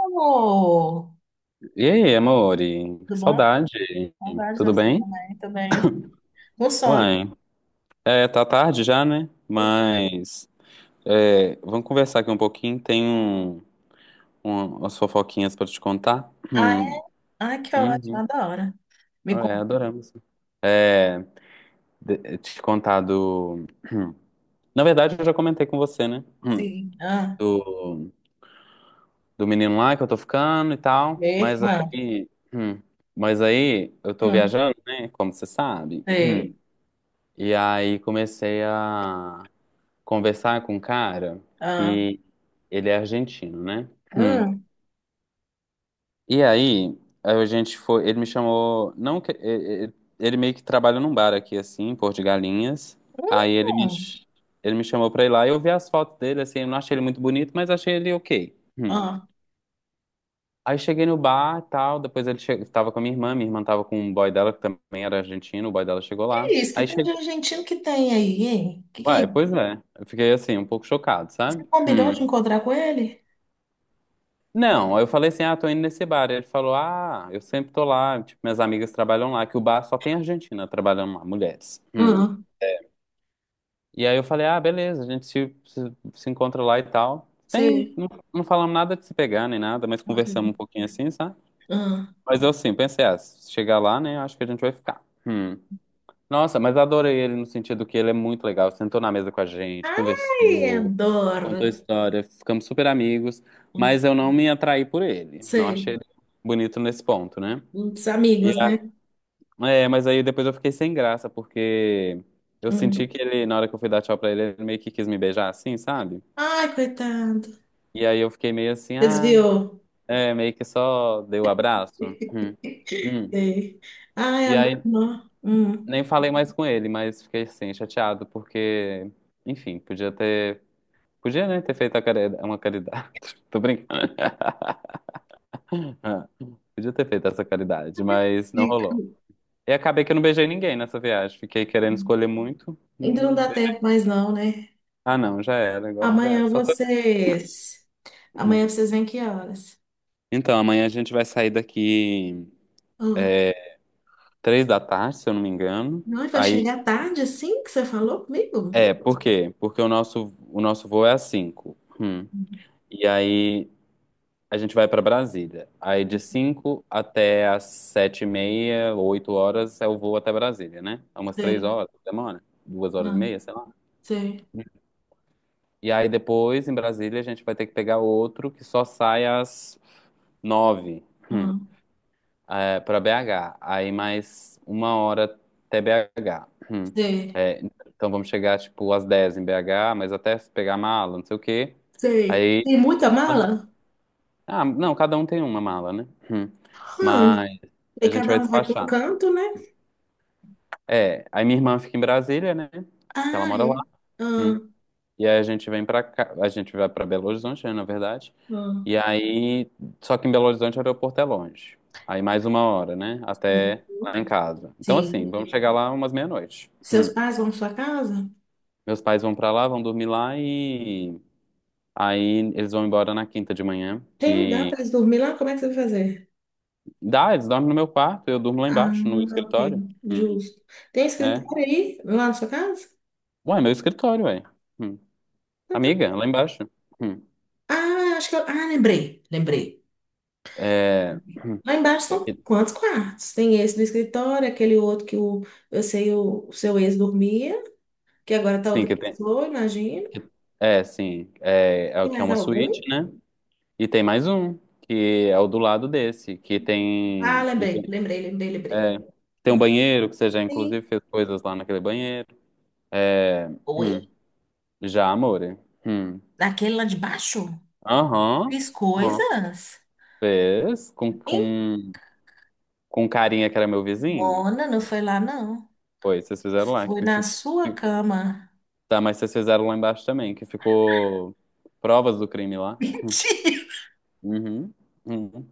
Amor, E aí, amore? Que tudo bom? saudade. Saudades de Tudo você bem? também, assim, com sono. Uai. É, tá tarde já, né? Mas é, vamos conversar aqui um pouquinho. Tem umas fofoquinhas pra te contar. Ah, é? Hum. Ai, que ótimo, Uhum. adoro. Me É, conta. adoramos. Te contar do. Hum. Na verdade, eu já comentei com você, né? Hum. Sim. Ah, Do, do menino lá que eu tô ficando e tal. Mas mesma. aí, mas aí eu tô Hum, viajando, né? Como você sabe. sei. E aí comecei a conversar com um cara Ah, que ele é argentino, né? Hum. hum, E aí, a gente foi, ele me chamou, não que- e- ele meio que trabalha num bar aqui assim, em Porto de Galinhas. Aí ele me hum, ch- Ele me chamou pra ir lá, e eu vi as fotos dele assim, eu não achei ele muito bonito, mas achei ele OK. Hum. ah. Aí cheguei no bar, tal, depois ele che... tava com a minha irmã tava com um boy dela que também era argentino, o boy dela chegou Que é lá. isso? Que Aí tem de chegou, argentino que tem aí, hein? Que... ué, é pois é. Eu fiquei assim um pouco chocado, Você sabe? combinou de Hum. encontrar com ele? Não, aí eu falei assim, ah, tô indo nesse bar. Ele falou, ah, eu sempre tô lá, tipo, minhas amigas trabalham lá, que o bar só tem argentina trabalhando lá, mulheres. Hum. Ah, E aí eu falei, ah, beleza, a gente se encontra lá e tal. Sem, sei. não, não falamos nada de se pegar nem nada, mas conversamos um Uhum. pouquinho assim, sabe? Ah. Mas eu sim, pensei, ah, se chegar lá, né, acho que a gente vai ficar. Hum. Nossa, mas adorei ele no sentido que ele é muito legal, sentou na mesa com a gente, Ai, conversou. adoro. Contou a história, ficamos super amigos, Hum, mas eu não me atraí por ele. Não achei sei. ele bonito nesse ponto, né? Os E amigos, a- né? É, mas aí depois eu fiquei sem graça, porque eu senti Hum. que ele, na hora que eu fui dar tchau pra ele, ele meio que quis me beijar assim, sabe? Ai, coitado. E aí eu fiquei meio assim, ah, Desviou. é, meio que só dei o abraço. Hum. hum. Sei. Ai, E a minha aí irmã. Hum. nem falei mais com ele, mas fiquei assim, chateado, porque, enfim, podia ter, podia, né, ter feito a uma caridade. Tô brincando. Ah, podia ter feito essa caridade, mas não Digo, rolou. E acabei que eu não beijei ninguém nessa viagem. Fiquei querendo escolher muito. ainda não dá tempo mais não, né? Ah, não, já era, agora já era. Amanhã Só foi... vocês... um. Amanhã vocês vêm que horas? Então, amanhã a gente vai sair daqui Ah, é, 3 da tarde, se eu não me engano. não, vai Aí, chegar tarde assim que você falou comigo? é, por quê? Porque o nosso voo é às 5. Hum, E aí a gente vai pra Brasília. Aí de 5 até às 7h30, 8 horas é o voo até Brasília, né? É umas três Sei. horas, demora. Duas horas e Não. meia, sei lá. Sei. E aí depois, em Brasília, a gente vai ter que pegar outro que só sai às 9, hum, Ah, é, para BH. Aí mais 1 hora até BH. Sei. É, então vamos chegar, tipo, às 10 em BH, mas até se pegar mala, não sei o quê. Sei. Aí... Tem muita mala? Ah, não, cada um tem uma mala, né? Hum. Hum. Mas E a gente cada vai um vai para um despachar. canto, né? É, aí minha irmã fica em Brasília, né? Que ela Ah, mora é? lá. Hum. Ah, E aí a gente vem pra cá, a gente vai pra Belo Horizonte, né, na verdade. ah. E aí, só que em Belo Horizonte o aeroporto é longe. Aí mais uma hora, né? Sim. Até lá em casa. Então, assim, Sim. vamos chegar lá umas meia-noite. Seus Hum. pais vão para sua casa? Meus pais vão pra lá, vão dormir lá e aí eles vão embora na quinta de manhã. Tem me dá Que para eles dormirem lá? Como é que você vai fazer? dá, eles dormem no meu quarto, eu durmo lá Ah, embaixo, no ok, escritório. Hum. justo. Tem É. escritório aí, lá na sua casa? Ué, meu escritório, ué. Hum. Então tá. Amiga, lá embaixo. Hum. Ah, acho que eu... Ah, lembrei, lembrei. É, hum, Lá embaixo é são que, quantos quartos? Tem esse do escritório, aquele outro que o, eu sei o seu ex dormia, que agora tá sim, outra que tem. pessoa, imagino. É, sim. É, é o Tem que é mais uma algum? suíte, né? E tem mais um, que é o do lado desse, que Ah, tem. Lembrei, lembrei, lembrei, lembrei. é, Tem um banheiro, que você já Sim. inclusive fez coisas lá naquele banheiro. É, hum, Oi? já, amore. Hum. Daquele lá de baixo? Aham. Fiz Aham. coisas? Fez com, Hein? com, com um carinha que era meu vizinho. Mona, não foi lá, não. Foi, vocês fizeram lá. Foi na sua que- cama. Tá, mas vocês fizeram lá embaixo também, que ficou provas do crime lá. Hum. Tia, Uhum. Uhum.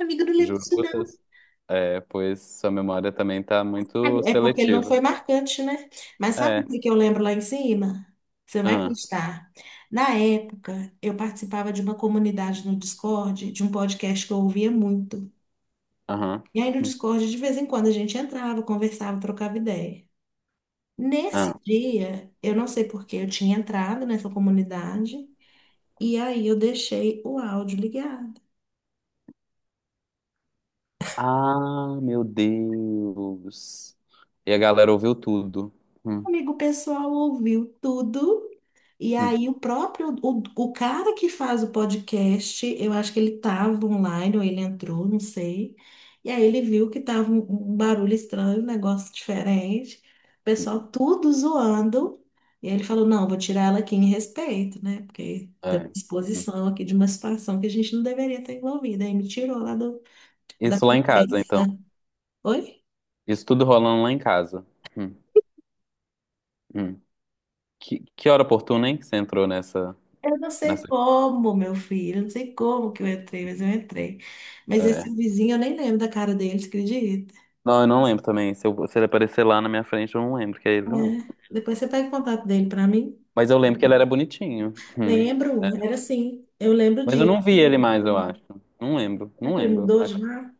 amiga, não lembro Juro disso, por não. Deus. É, pois sua memória também tá muito É porque ele não seletiva. foi marcante, né? Mas sabe o É. que que eu lembro lá em cima? Você vai acreditar. Na época, eu participava de uma comunidade no Discord, de um podcast que eu ouvia muito. Aham. E aí no Discord, de vez em quando, a gente entrava, conversava, trocava ideia. Ah. Nesse dia, eu não sei por que eu tinha entrado nessa comunidade, e aí eu deixei o áudio ligado. Ah, meu Deus. E a galera ouviu tudo. Hum, Amigo, o pessoal ouviu tudo. E hum, aí, o cara que faz o podcast, eu acho que ele estava online ou ele entrou, não sei. E aí, ele viu que um barulho estranho, um negócio diferente. O pessoal tudo zoando. E aí, ele falou: não, vou tirar ela aqui em respeito, né? Porque tem é. Hum. exposição aqui de uma situação que a gente não deveria estar envolvida. Aí, me tirou lá do, da Isso lá em casa, então. conversa. Oi? Isso tudo rolando lá em casa. Hum, hum. Que hora oportuna, hein, que você entrou nessa, Eu não sei nessa... como, meu filho, eu não sei como que eu entrei. Mas é. esse vizinho, eu nem lembro da cara dele, você acredita? Não, eu não lembro também. Se ele aparecer lá na minha frente, eu não lembro que é ele, não. É. Depois você pega o contato dele pra mim. Mas eu lembro que ele era bonitinho. Hum. Lembro, era assim, eu lembro Mas eu disso. não vi ele mais, eu acho. Não lembro, Será não que ele lembro. mudou Acho- de lá?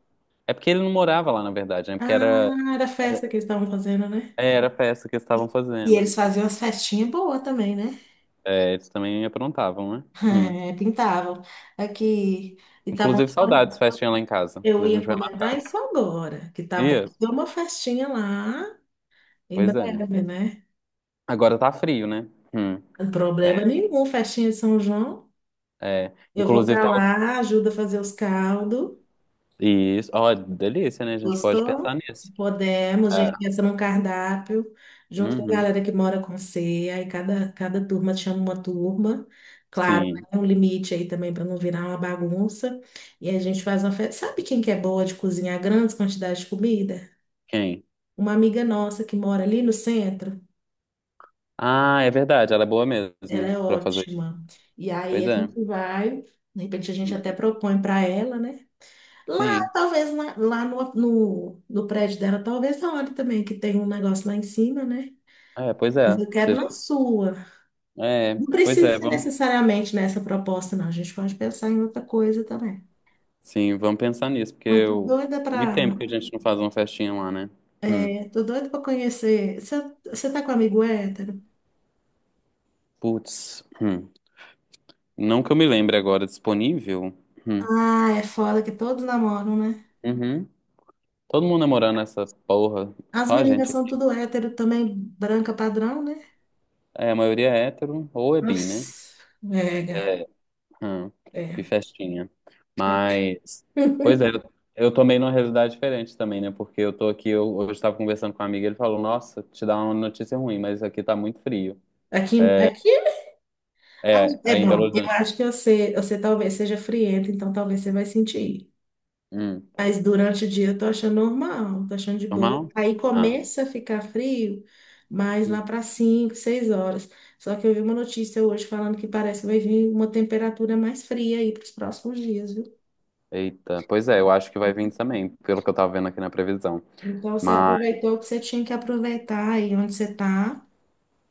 é porque ele não morava lá, na verdade, né? Porque era, Ah, era a era, festa que eles estavam fazendo, né? é, era a festa que eles estavam E, e fazendo. eles faziam as festinhas boas também, né? É, eles também aprontavam, né? Hum. É, pintavam. Aqui, e tá bom. Inclusive, saudades, festinha lá em casa. Eu A ia gente vai mais comentar isso agora, que tá bom. dia. Deu uma festinha lá em Pois é. breve, né? Agora tá frio, né? Hum. Problema nenhum, festinha de São João. É. Eu vou Inclusive, para tava. lá, ajuda a fazer os caldos. Isso. Ó, delícia, né? A gente pode pensar Gostou? nisso. Podemos, a É. gente pensa num cardápio, junto com a Uhum. galera que mora com você. Aí cada turma chama uma turma. Claro, Sim. é um limite aí também para não virar uma bagunça. E a gente faz uma festa. Sabe quem que é boa de cozinhar grandes quantidades de comida? Quem? Uma amiga nossa que mora ali no centro. Ah, é verdade. Ela é boa Ela mesmo é pra fazer isso. ótima. E aí Pois a é. gente vai, de repente a gente Hum. até propõe para ela, né? Lá, Sim. talvez, lá no prédio dela, talvez a hora também, que tem um negócio lá em cima, né? É, pois Mas é. eu quero Seja... na sua. É, Não pois precisa é. ser Vamos... necessariamente nessa proposta, não. A gente pode pensar em outra coisa também. Sim, vamos pensar nisso, porque Eu tô eu... doida muito pra, tempo que a gente não faz uma festinha lá, né? Hum. é, tô doida pra conhecer. Você tá com amigo hétero? Putz. Hum. Não que eu me lembre agora, disponível? Hum. Ah, é foda que todos namoram, né? Uhum. Todo mundo namorando essa porra, As só a meninas gente são aqui. tudo hétero também, branca padrão, né? É, a maioria é hétero ou é bi, né? Nossa, mega. Hum. Que É. festinha. Mas, pois é, eu tomei numa realidade diferente também, né? Porque eu tô aqui, eu, hoje estava conversando com um amigo, ele falou, nossa, te dá uma notícia ruim, mas aqui tá muito frio. Aqui ah, É, é aí em Belo bom. Eu Horizonte. acho que você talvez seja frienta, então talvez você vai sentir. Hum. Mas durante o dia eu tô achando normal, tô achando de boa. Normal? Aí Ah. começa a ficar frio, mas lá hum. para 5, 6 horas. Só que eu vi uma notícia hoje falando que parece que vai vir uma temperatura mais fria aí para os próximos dias, viu? Eita, pois é, eu acho que vai vir também, pelo que eu tava vendo aqui na previsão. Então você Mas, aproveitou o que você tinha que aproveitar aí onde você tá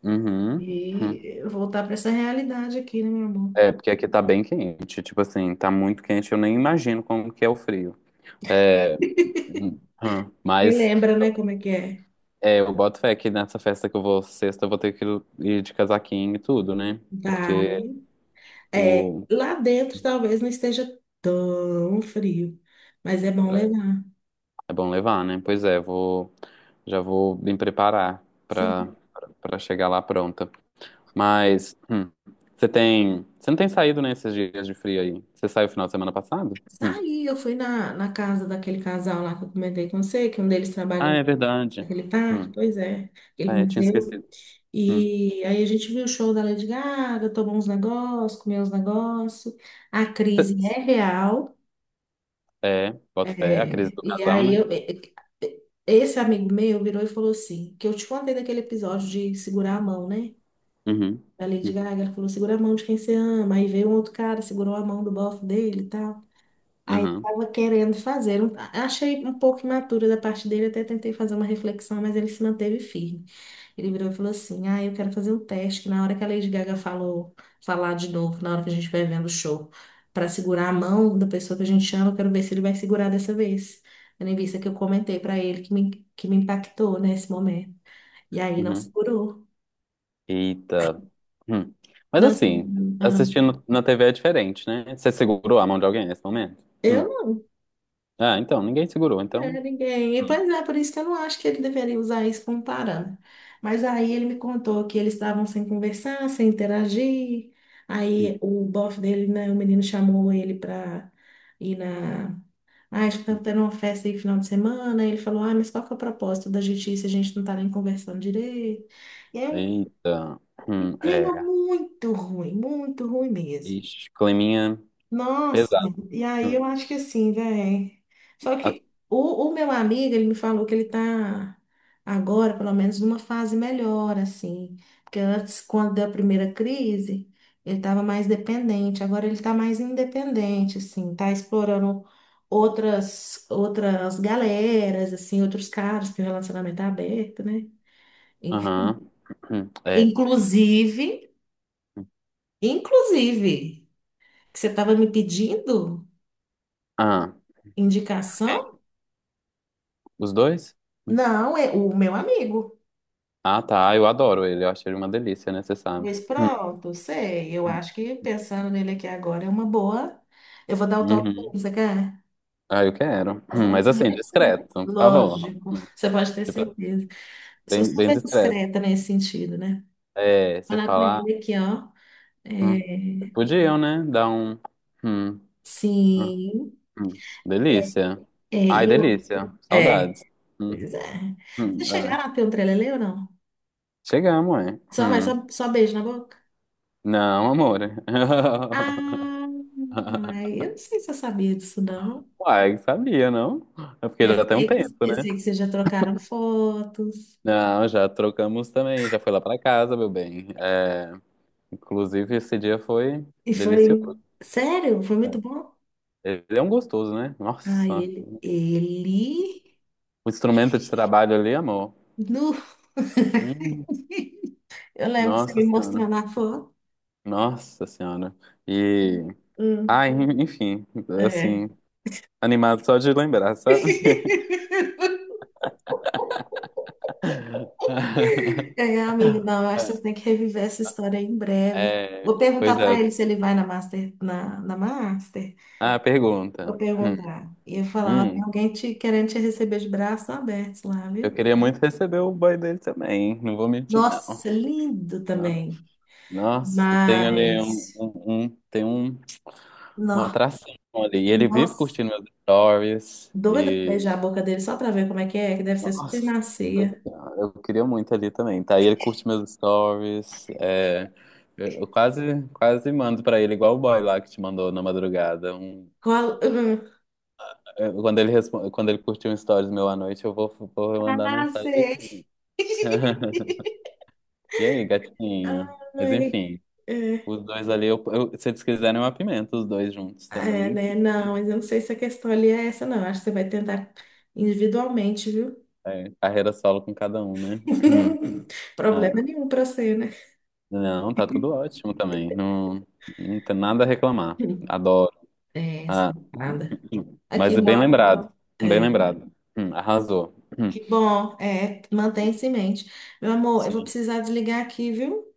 uhum. Hum. e voltar para essa realidade aqui, né, meu amor? É, porque aqui tá bem quente, tipo assim, tá muito quente, eu nem imagino como que é o frio. É, Me mas lembra, né, como é que é? é, eu boto fé que nessa festa que eu vou sexta, eu vou ter que ir de casaquinho e tudo, né? Porque Vai. É, o, lá dentro talvez não esteja tão frio, mas é bom é, levar. é bom levar, né? Pois é, vou, já vou me preparar pra, Sim. pra chegar lá pronta. Mas, você tem, você não tem saído nesses dias de frio aí? Você saiu final de semana passado? Hum. Saí, eu fui na casa daquele casal lá que eu comentei com você, que um deles trabalha Ah, em- é verdade. naquele parque, Hum. pois é, aquele É, tinha museu. esquecido. E aí a gente viu o show da Lady Gaga, tomou uns negócios, comeu uns negócios. A Hum. crise é real. É, boto fé, a crise É, do e casal, aí né? eu, e- esse amigo meu virou e falou assim, que eu te contei daquele episódio de segurar a mão, né? Uhum. Da Lady Gaga, ela falou, segura a mão de quem você ama. Aí veio um outro cara, segurou a mão do bofe dele e tal. Aí Uhum. tava querendo fazer. Um- Achei um pouco imatura da parte dele, até tentei fazer uma reflexão, mas ele se manteve firme. Ele virou e falou assim: ah, eu quero fazer um teste, que na hora que a Lady Gaga falou, falar de novo, na hora que a gente vai vendo o show, para segurar a mão da pessoa que a gente ama, eu quero ver se ele vai segurar dessa vez. Tendo em vista que eu comentei para ele que que me impactou nesse momento. E aí não Uhum. segurou. Eita. Hum. Mas Não assim, segurou. Ah, assistindo na TV é diferente, né? Você segurou a mão de alguém nesse momento? Hum. eu não. Ah, então, ninguém segurou, É, então. ninguém. E, pois é, por isso que eu não acho que ele deveria usar isso como parâmetro. Mas aí ele me contou que eles estavam sem conversar, sem interagir. Hum. Aí o bofe dele, né, o menino chamou ele para ir na. Ah, acho que estava tendo uma festa aí no final de semana. Ele falou: ah, mas qual que é o propósito da justiça? A gente não está nem conversando direito. E é um Eita. Hum. clima É. Muito ruim mesmo. Ixi, climinha Nossa, pesado. e aí Hum. eu acho que assim, velho. Só A- que o meu amigo, ele me falou que ele tá agora, pelo menos, numa fase melhor, assim. Porque antes, quando deu a primeira crise, ele tava mais dependente. Agora ele tá mais independente, assim. Tá explorando outras galeras, assim, outros caras, porque o relacionamento é aberto, né? In- Aham. Hum. É. Inclusive, inclusive, que você tava me pedindo Ah, indicação. quem? Os dois? Não, é o meu amigo. Ah, tá. Ah, eu adoro ele, eu acho ele uma delícia, né? Você sabe. Pois Hum. pronto, sei. Eu Hum. acho que pensando nele aqui agora é uma boa. Eu vou dar o toque dele, Uhum. você quer? Ah, eu quero. Vou Hum. falar Mas com assim, ele aqui. discreto, por favor. Lógico, Hum. você pode ter Tipo, certeza. Eu sou bem, bem super discreto. discreta nesse sentido, né? É, Vou você falar com fala, ah, ele aqui, ó. hum, É, podiam, né? Dar um, hum, hum, sim. hum. Delícia. É, Ai, e eu, delícia. é, Saudades. Hum, pois é. Vocês ah, chegaram a ter um trelelê ou não? chegamos, é. Mas Hum. só beijo na boca? Não, amor. Ah, ai, eu não sei se eu sabia disso, não. Uai, sabia, não? É porque Eu já tem um sei tempo, eu né? sei que vocês já trocaram fotos. Não, já trocamos também. Já foi lá pra casa, meu bem. É, inclusive, esse dia foi E foi, delicioso. sério, foi muito bom. Ele é um gostoso, né? Ah, Nossa. ele, O instrumento de trabalho ali, amor. nu, Hum, eu lembro de você nossa me senhora, mostrando a foto. nossa senhora. E, Hum, ai, enfim, é. assim, animado só de lembrar, sabe? É, amigo, não, eu acho que vocês têm que reviver essa história em breve. É, Vou perguntar pois é. para ele se ele vai na Master, na Master. Ah, pergunta. Vou perguntar. E eu falar, ó, tem hum, alguém te, querendo te receber de braços abertos lá, eu viu? queria muito receber o boy dele também, hein? Não vou mentir, não. Nossa, lindo também. Nossa, tem ali Mas, uma não. atração ali. E ele vive Nossa, curtindo meus stories. doida pra beijar a boca dele só pra ver como é, que deve ser super Nossa, macia. senhora, eu queria muito ali também, tá? E ele curte meus stories, é, eu quase, quase mando pra ele, igual o boy lá que te mandou na madrugada. Um- Qual... hum, é, quando ele, respo- quando ele curtiu um stories meu à noite, eu vou, vou mandar Ah, mensagem. sei. E aí, gatinho? Mas Ai, enfim, é, os dois ali, se eles quiserem, eu apimento os dois juntos é, também. né? Não, mas eu não sei se a questão ali é essa, não. Acho que você vai tentar individualmente, viu? É, carreira solo com cada um, né? Problema Ah, nenhum pra você, né? não, tá tudo ótimo também, não, não tem nada a reclamar. Adoro. É, essa, Ah, nada. Hum. Mas Aqui, é meu bem amor, lembrado. Bem é, lembrado. Arrasou. Que bom, é, mantém-se em mente. Meu amor, eu vou Sim. precisar desligar aqui, viu?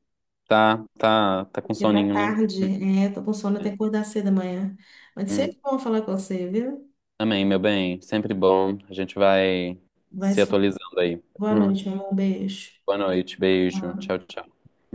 Tá, tá, tá com Porque tá soninho, né? tarde, é, tô com sono, eu tenho É. que acordar cedo amanhã. Mas Hum. sempre bom falar com você, viu? Amém, meu bem. Sempre bom. A gente vai Vai se se falar. atualizando aí. Boa Hum. noite, meu amor. Um beijo. Boa noite. Beijo. Tchau, tchau.